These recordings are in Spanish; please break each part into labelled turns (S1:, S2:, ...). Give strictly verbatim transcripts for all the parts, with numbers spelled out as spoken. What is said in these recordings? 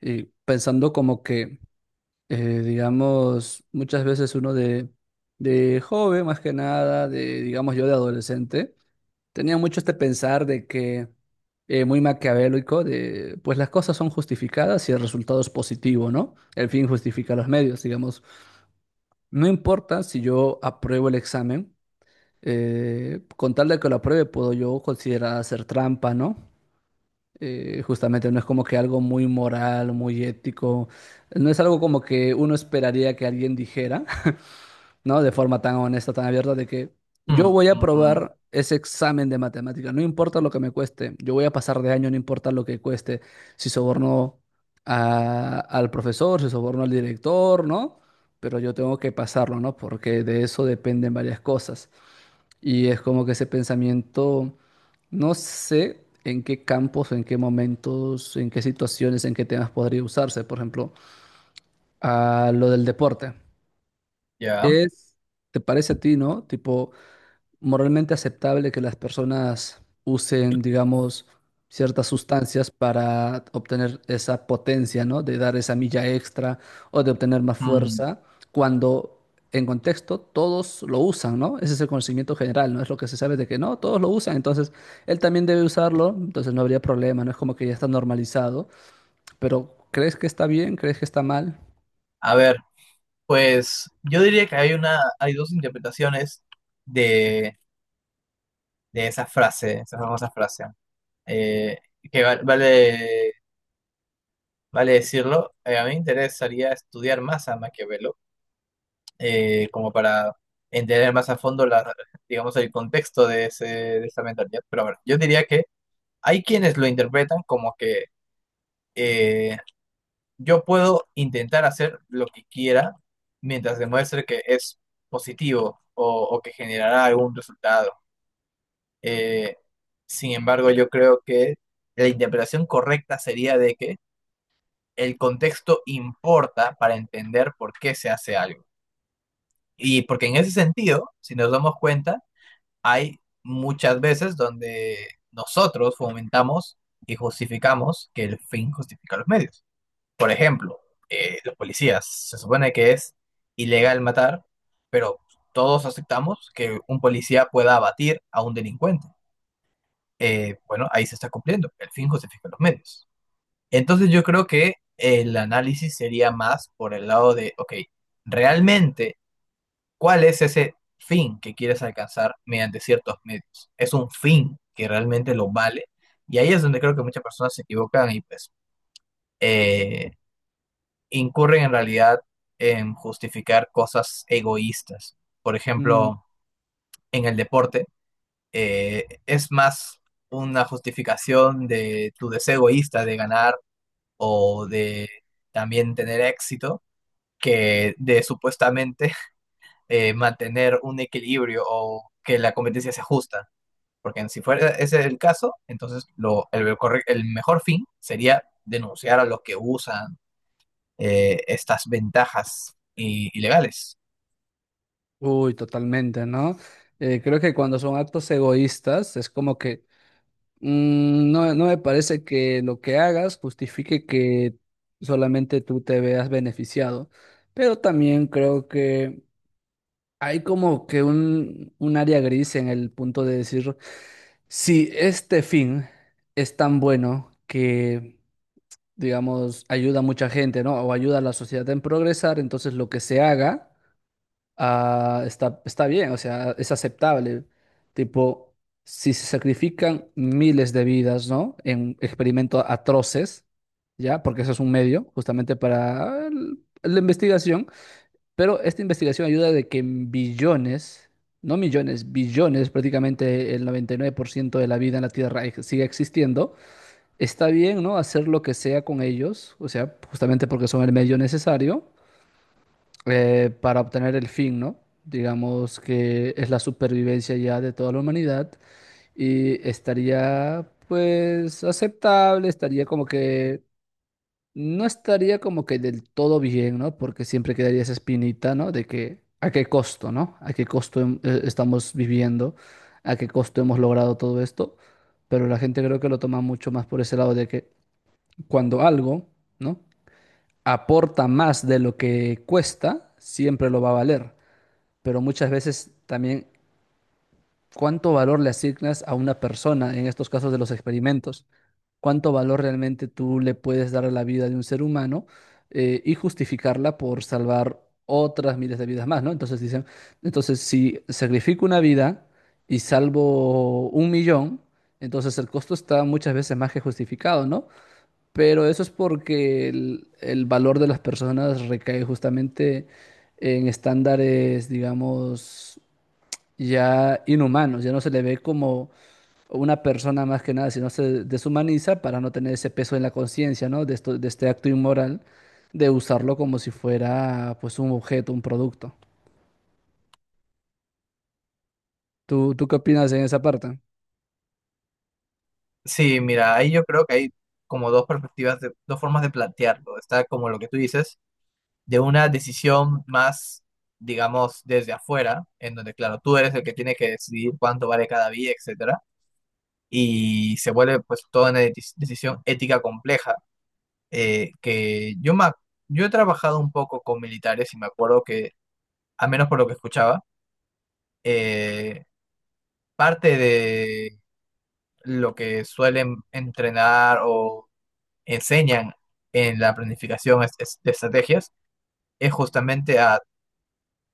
S1: Y pensando como que, eh, digamos, muchas veces uno de, de joven, más que nada, de, digamos, yo de adolescente, tenía mucho este pensar de que, eh, muy maquiavélico, de, pues las cosas son justificadas y el resultado es positivo, ¿no? El fin justifica los medios, digamos. No importa si yo apruebo el examen, eh, con tal de que lo apruebe, puedo yo considerar hacer trampa, ¿no? Eh, justamente no es como que algo muy moral, muy ético, no es algo como que uno esperaría que alguien dijera, ¿no? De forma tan honesta, tan abierta, de que
S2: Mm,
S1: yo voy a
S2: ujú,
S1: probar ese examen de matemática, no importa lo que me cueste, yo voy a pasar de año, no importa lo que cueste, si soborno a- al profesor, si soborno al director, ¿no? Pero yo tengo que pasarlo, ¿no? Porque de eso dependen varias cosas. Y es como que ese pensamiento, no sé en qué campos, en qué momentos, en qué situaciones, en qué temas podría usarse. Por ejemplo, a lo del deporte.
S2: ya.
S1: Es, ¿te parece a ti, no? Tipo, moralmente aceptable que las personas usen, digamos, ciertas sustancias para obtener esa potencia, ¿no? De dar esa milla extra o de obtener más
S2: Mm.
S1: fuerza, cuando en contexto todos lo usan, ¿no? Ese es el conocimiento general, ¿no? Es lo que se sabe de que no, todos lo usan, entonces él también debe usarlo, entonces no habría problema, no es como que ya está normalizado, pero ¿crees que está bien? ¿Crees que está mal?
S2: A ver, pues yo diría que hay una, hay dos interpretaciones de, de esa frase, esa famosa frase. Eh, que va- vale, vale decirlo, eh, a mí me interesaría estudiar más a Maquiavelo, eh, como para entender más a fondo la, digamos, el contexto de ese, de esa mentalidad. Pero bueno, yo diría que hay quienes lo interpretan como que eh, yo puedo intentar hacer lo que quiera mientras demuestre que es positivo o, o que generará algún resultado. Eh, sin embargo, yo creo que la interpretación correcta sería de que el contexto importa para entender por qué se hace algo. Y porque en ese sentido, si nos damos cuenta, hay muchas veces donde nosotros fomentamos y justificamos que el fin justifica los medios. Por ejemplo, eh, los policías, se supone que es ilegal matar, pero todos aceptamos que un policía pueda abatir a un delincuente. Eh, bueno, ahí se está cumpliendo, el fin justifica los medios. Entonces yo creo que el análisis sería más por el lado de, ok, realmente, ¿cuál es ese fin que quieres alcanzar mediante ciertos medios? ¿Es un fin que realmente lo vale? Y ahí es donde creo que muchas personas se equivocan y pues... eh, incurren en realidad en justificar cosas egoístas. Por
S1: Mm,
S2: ejemplo, en el deporte eh, es más una justificación de tu deseo egoísta de ganar o de también tener éxito que de supuestamente eh, mantener un equilibrio o que la competencia sea justa. Porque si fuera ese el caso, entonces lo, el, corre- el mejor fin sería denunciar a los que usan eh, estas ventajas i- ilegales
S1: uy, totalmente, ¿no? Eh, creo que cuando son actos egoístas es como que Mm, No, no me parece que lo que hagas justifique que solamente tú te veas beneficiado, pero también creo que hay como que un, un área gris en el punto de decir, si este fin es tan bueno que, digamos, ayuda a mucha gente, ¿no? O ayuda a la sociedad en progresar, entonces lo que se haga ah, está, está bien, o sea, es aceptable. Tipo, si se sacrifican miles de vidas, ¿no? En experimentos atroces, ¿ya? Porque eso es un medio justamente para el- la investigación, pero esta investigación ayuda de que en billones, no millones, billones, prácticamente el noventa y nueve por ciento de la vida en la Tierra ex- sigue existiendo. Está bien, ¿no? Hacer lo que sea con ellos, o sea, justamente porque son el medio necesario eh, para obtener el fin, ¿no? Digamos que es la supervivencia ya de toda la humanidad y estaría pues aceptable, estaría como que no estaría como que del todo bien, ¿no? Porque siempre quedaría esa espinita, ¿no? De que a qué costo, ¿no? A qué costo hem- eh, estamos viviendo, a qué costo hemos logrado todo esto, pero la gente creo que lo toma mucho más por ese lado de que cuando algo, ¿no? aporta más de lo que cuesta, siempre lo va a valer, pero muchas veces también cuánto valor le asignas a una persona en estos casos de los experimentos, cuánto valor realmente tú le puedes dar a la vida de un ser humano eh, y justificarla por salvar otras miles de vidas más, ¿no? Entonces dicen, entonces si sacrifico una vida y salvo un millón, entonces el costo está muchas veces más que justificado, ¿no? Pero eso es porque el, el valor de las personas recae justamente en estándares, digamos, ya inhumanos, ya no se le ve como una persona más que nada, sino se deshumaniza para no tener ese peso en la conciencia, ¿no? De esto, de este acto inmoral, de usarlo como si fuera pues un objeto, un producto. ¿Tú, tú qué opinas en esa parte?
S2: Sí, mira, ahí yo creo que hay como dos perspectivas, de- dos formas de plantearlo. Está como lo que tú dices, de una decisión más, digamos, desde afuera, en donde, claro, tú eres el que tiene que decidir cuánto vale cada vía, etcétera, y se vuelve pues toda una deci- decisión ética compleja, eh, que yo, me ac- yo he trabajado un poco con militares y me acuerdo que, al menos por lo que escuchaba, eh, parte de lo que suelen entrenar o enseñan en la planificación es- es- de estrategias es justamente a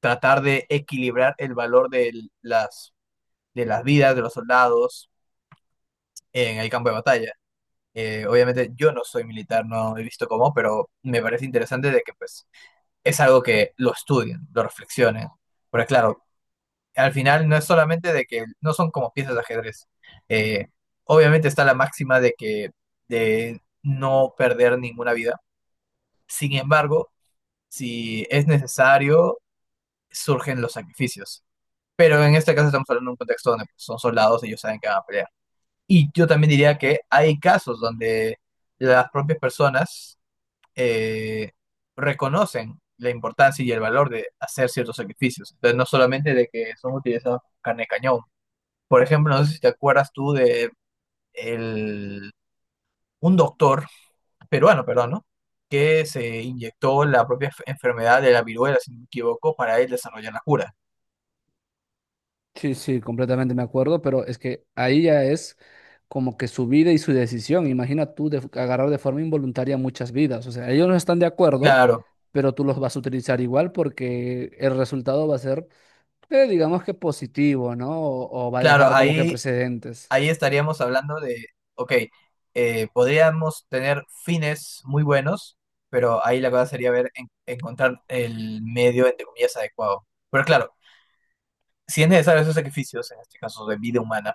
S2: tratar de equilibrar el valor de las, de las vidas de los soldados en el campo de batalla. Eh, obviamente yo no soy militar, no he visto cómo, pero me parece interesante de que pues es algo que lo estudien, lo reflexionen. Porque claro, al final no es solamente de que no son como piezas de ajedrez. Eh, obviamente está la máxima de que de no perder ninguna vida. Sin embargo, si es necesario, surgen los sacrificios. Pero en este caso estamos hablando de un contexto donde pues, son soldados y ellos saben que van a pelear. Y yo también diría que hay casos donde las propias personas eh, reconocen la importancia y el valor de hacer ciertos sacrificios. Entonces, no solamente de que son utilizados como carne de cañón. Por ejemplo, no sé si te acuerdas tú de el, un doctor peruano, perdón, ¿no? Que se inyectó la propia enf- enfermedad de la viruela, si no me equivoco, para él desarrollar la cura.
S1: Sí, sí, completamente me acuerdo, pero es que ahí ya es como que su vida y su decisión. Imagina tú de- agarrar de forma involuntaria muchas vidas. O sea, ellos no están de acuerdo,
S2: Claro,
S1: pero tú los vas a utilizar igual porque el resultado va a ser, Eh, digamos, que positivo, ¿no? O, o va a
S2: claro,
S1: dejar como que
S2: ahí,
S1: precedentes.
S2: ahí estaríamos hablando de, ok, eh, podríamos tener fines muy buenos, pero ahí la cosa sería ver, en- encontrar el medio, entre comillas, adecuado. Pero claro, si es necesario esos sacrificios, en este caso de vida humana,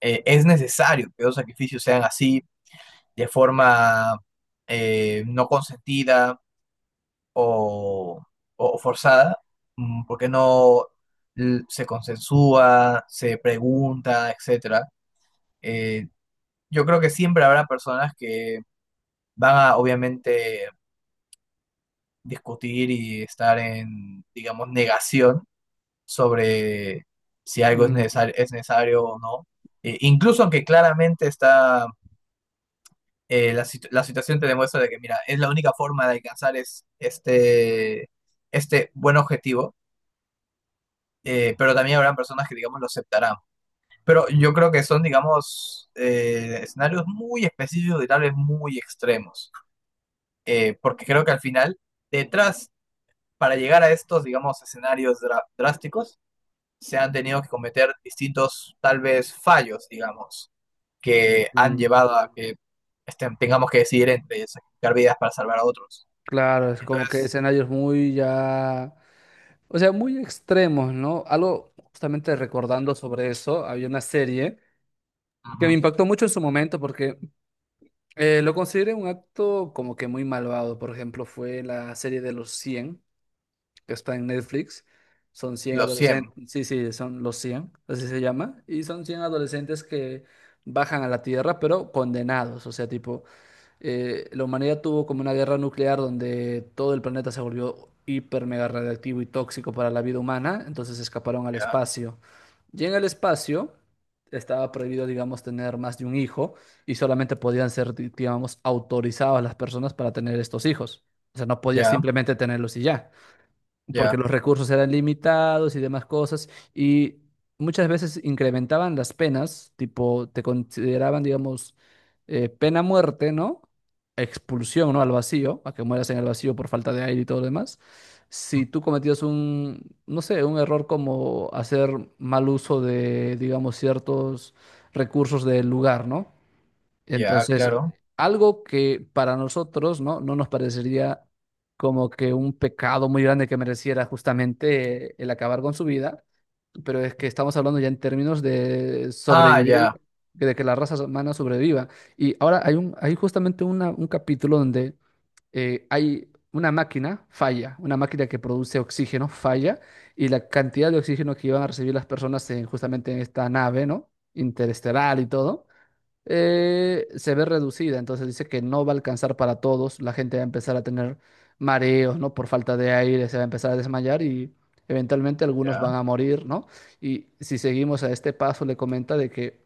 S2: eh, es necesario que esos sacrificios sean así, de forma eh, no consentida o, o forzada, mm, porque no l- se consensúa, se pregunta, etcétera. Eh, yo creo que siempre habrá personas que van a, obviamente, discutir y estar en, digamos, negación sobre si algo es
S1: Mm,
S2: necesario, es necesario o no. Eh, incluso aunque claramente está, eh, la, situ- la situación te demuestra de que, mira, es la única forma de alcanzar es, este, este buen objetivo eh, pero también habrán personas que, digamos, lo aceptarán. Pero yo creo que son, digamos, eh, escenarios muy específicos y tal vez muy extremos, eh, porque creo que al final, detrás, para llegar a estos, digamos, escenarios dra- drásticos, se han tenido que cometer distintos, tal vez, fallos, digamos, que han
S1: mm,
S2: llevado a que este, tengamos que decidir entre sacrificar vidas para salvar a otros.
S1: claro, es como que
S2: Entonces,
S1: escenarios muy ya, o sea, muy extremos, ¿no? Algo justamente recordando sobre eso, había una serie que me
S2: ujú,
S1: impactó mucho en su momento porque eh, lo consideré un acto como que muy malvado. Por ejemplo, fue la serie de los cien, que está en Netflix. Son cien
S2: los cien
S1: adolescentes, sí, sí, son los cien, así se llama. Y son cien adolescentes que bajan a la Tierra, pero condenados. O sea, tipo, eh, la humanidad tuvo como una guerra nuclear donde todo el planeta se volvió hiper mega radiactivo y tóxico para la vida humana. Entonces escaparon al
S2: ya,
S1: espacio. Y en el espacio estaba prohibido, digamos, tener más de un hijo, y solamente podían ser, di- digamos, autorizadas las personas para tener estos hijos. O sea, no podías
S2: ya,
S1: simplemente tenerlos y ya, porque
S2: ya,
S1: los recursos eran limitados y demás cosas, y muchas veces incrementaban las penas, tipo, te consideraban, digamos, eh, pena muerte, ¿no? Expulsión, ¿no? Al vacío, a que mueras en el vacío por falta de aire y todo lo demás. Si tú cometías un, no sé, un error como hacer mal uso de, digamos, ciertos recursos del lugar, ¿no?
S2: ya,
S1: Entonces,
S2: claro.
S1: algo que para nosotros, ¿no? No nos parecería como que un pecado muy grande que mereciera justamente eh, el acabar con su vida, pero es que estamos hablando ya en términos de
S2: Ah,
S1: sobrevivir,
S2: ya,
S1: de que la raza humana sobreviva. Y ahora hay un, hay justamente una- un capítulo donde eh, hay una máquina falla, una máquina que produce oxígeno falla, y la cantidad de oxígeno que iban a recibir las personas en, justamente en esta nave, ¿no? Interestelar y todo, eh, se ve reducida, entonces dice que no va a alcanzar para todos, la gente va a empezar a tener mareos, ¿no? Por falta de aire, se va a empezar a desmayar y eventualmente algunos van
S2: ya.
S1: a morir, ¿no? Y si seguimos a este paso, le comenta de que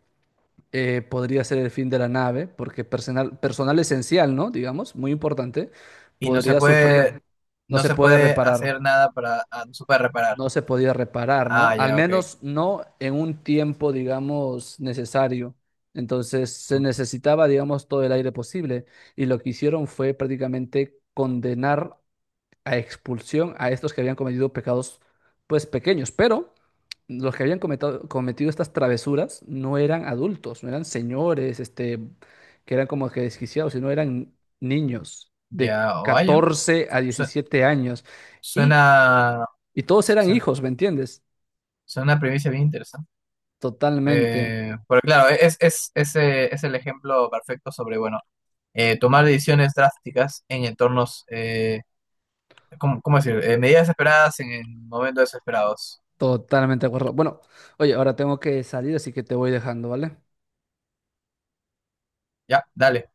S1: eh, podría ser el fin de la nave, porque personal, personal esencial, ¿no? Digamos, muy importante,
S2: Y no se
S1: podría
S2: puede,
S1: sufrir, no
S2: no
S1: se
S2: se
S1: puede
S2: puede
S1: reparar,
S2: hacer nada para, ah, no se puede reparar.
S1: no se podía reparar, ¿no?
S2: Ah,
S1: Al
S2: ya, ok.
S1: menos no en un tiempo, digamos, necesario. Entonces se necesitaba, digamos, todo el aire posible, y lo que hicieron fue prácticamente condenar a expulsión a estos que habían cometido pecados, pues pequeños, pero los que habían cometado- cometido estas travesuras no eran adultos, no eran señores, este, que eran como que desquiciados, sino eran niños de
S2: Ya, o vaya.
S1: catorce a
S2: Su-
S1: diecisiete años y,
S2: Suena,
S1: y todos eran
S2: suena,
S1: hijos, ¿me entiendes?
S2: suena una premisa bien interesante.
S1: Totalmente,
S2: Eh, porque claro, e-, es, es, ese es el ejemplo perfecto sobre, bueno, eh, tomar decisiones drásticas en entornos, eh, ¿cómo, ¿cómo decir? Eh, medidas esperadas en momentos desesperados.
S1: totalmente de acuerdo. Bueno, oye, ahora tengo que salir, así que te voy dejando, ¿vale?
S2: Ya, dale.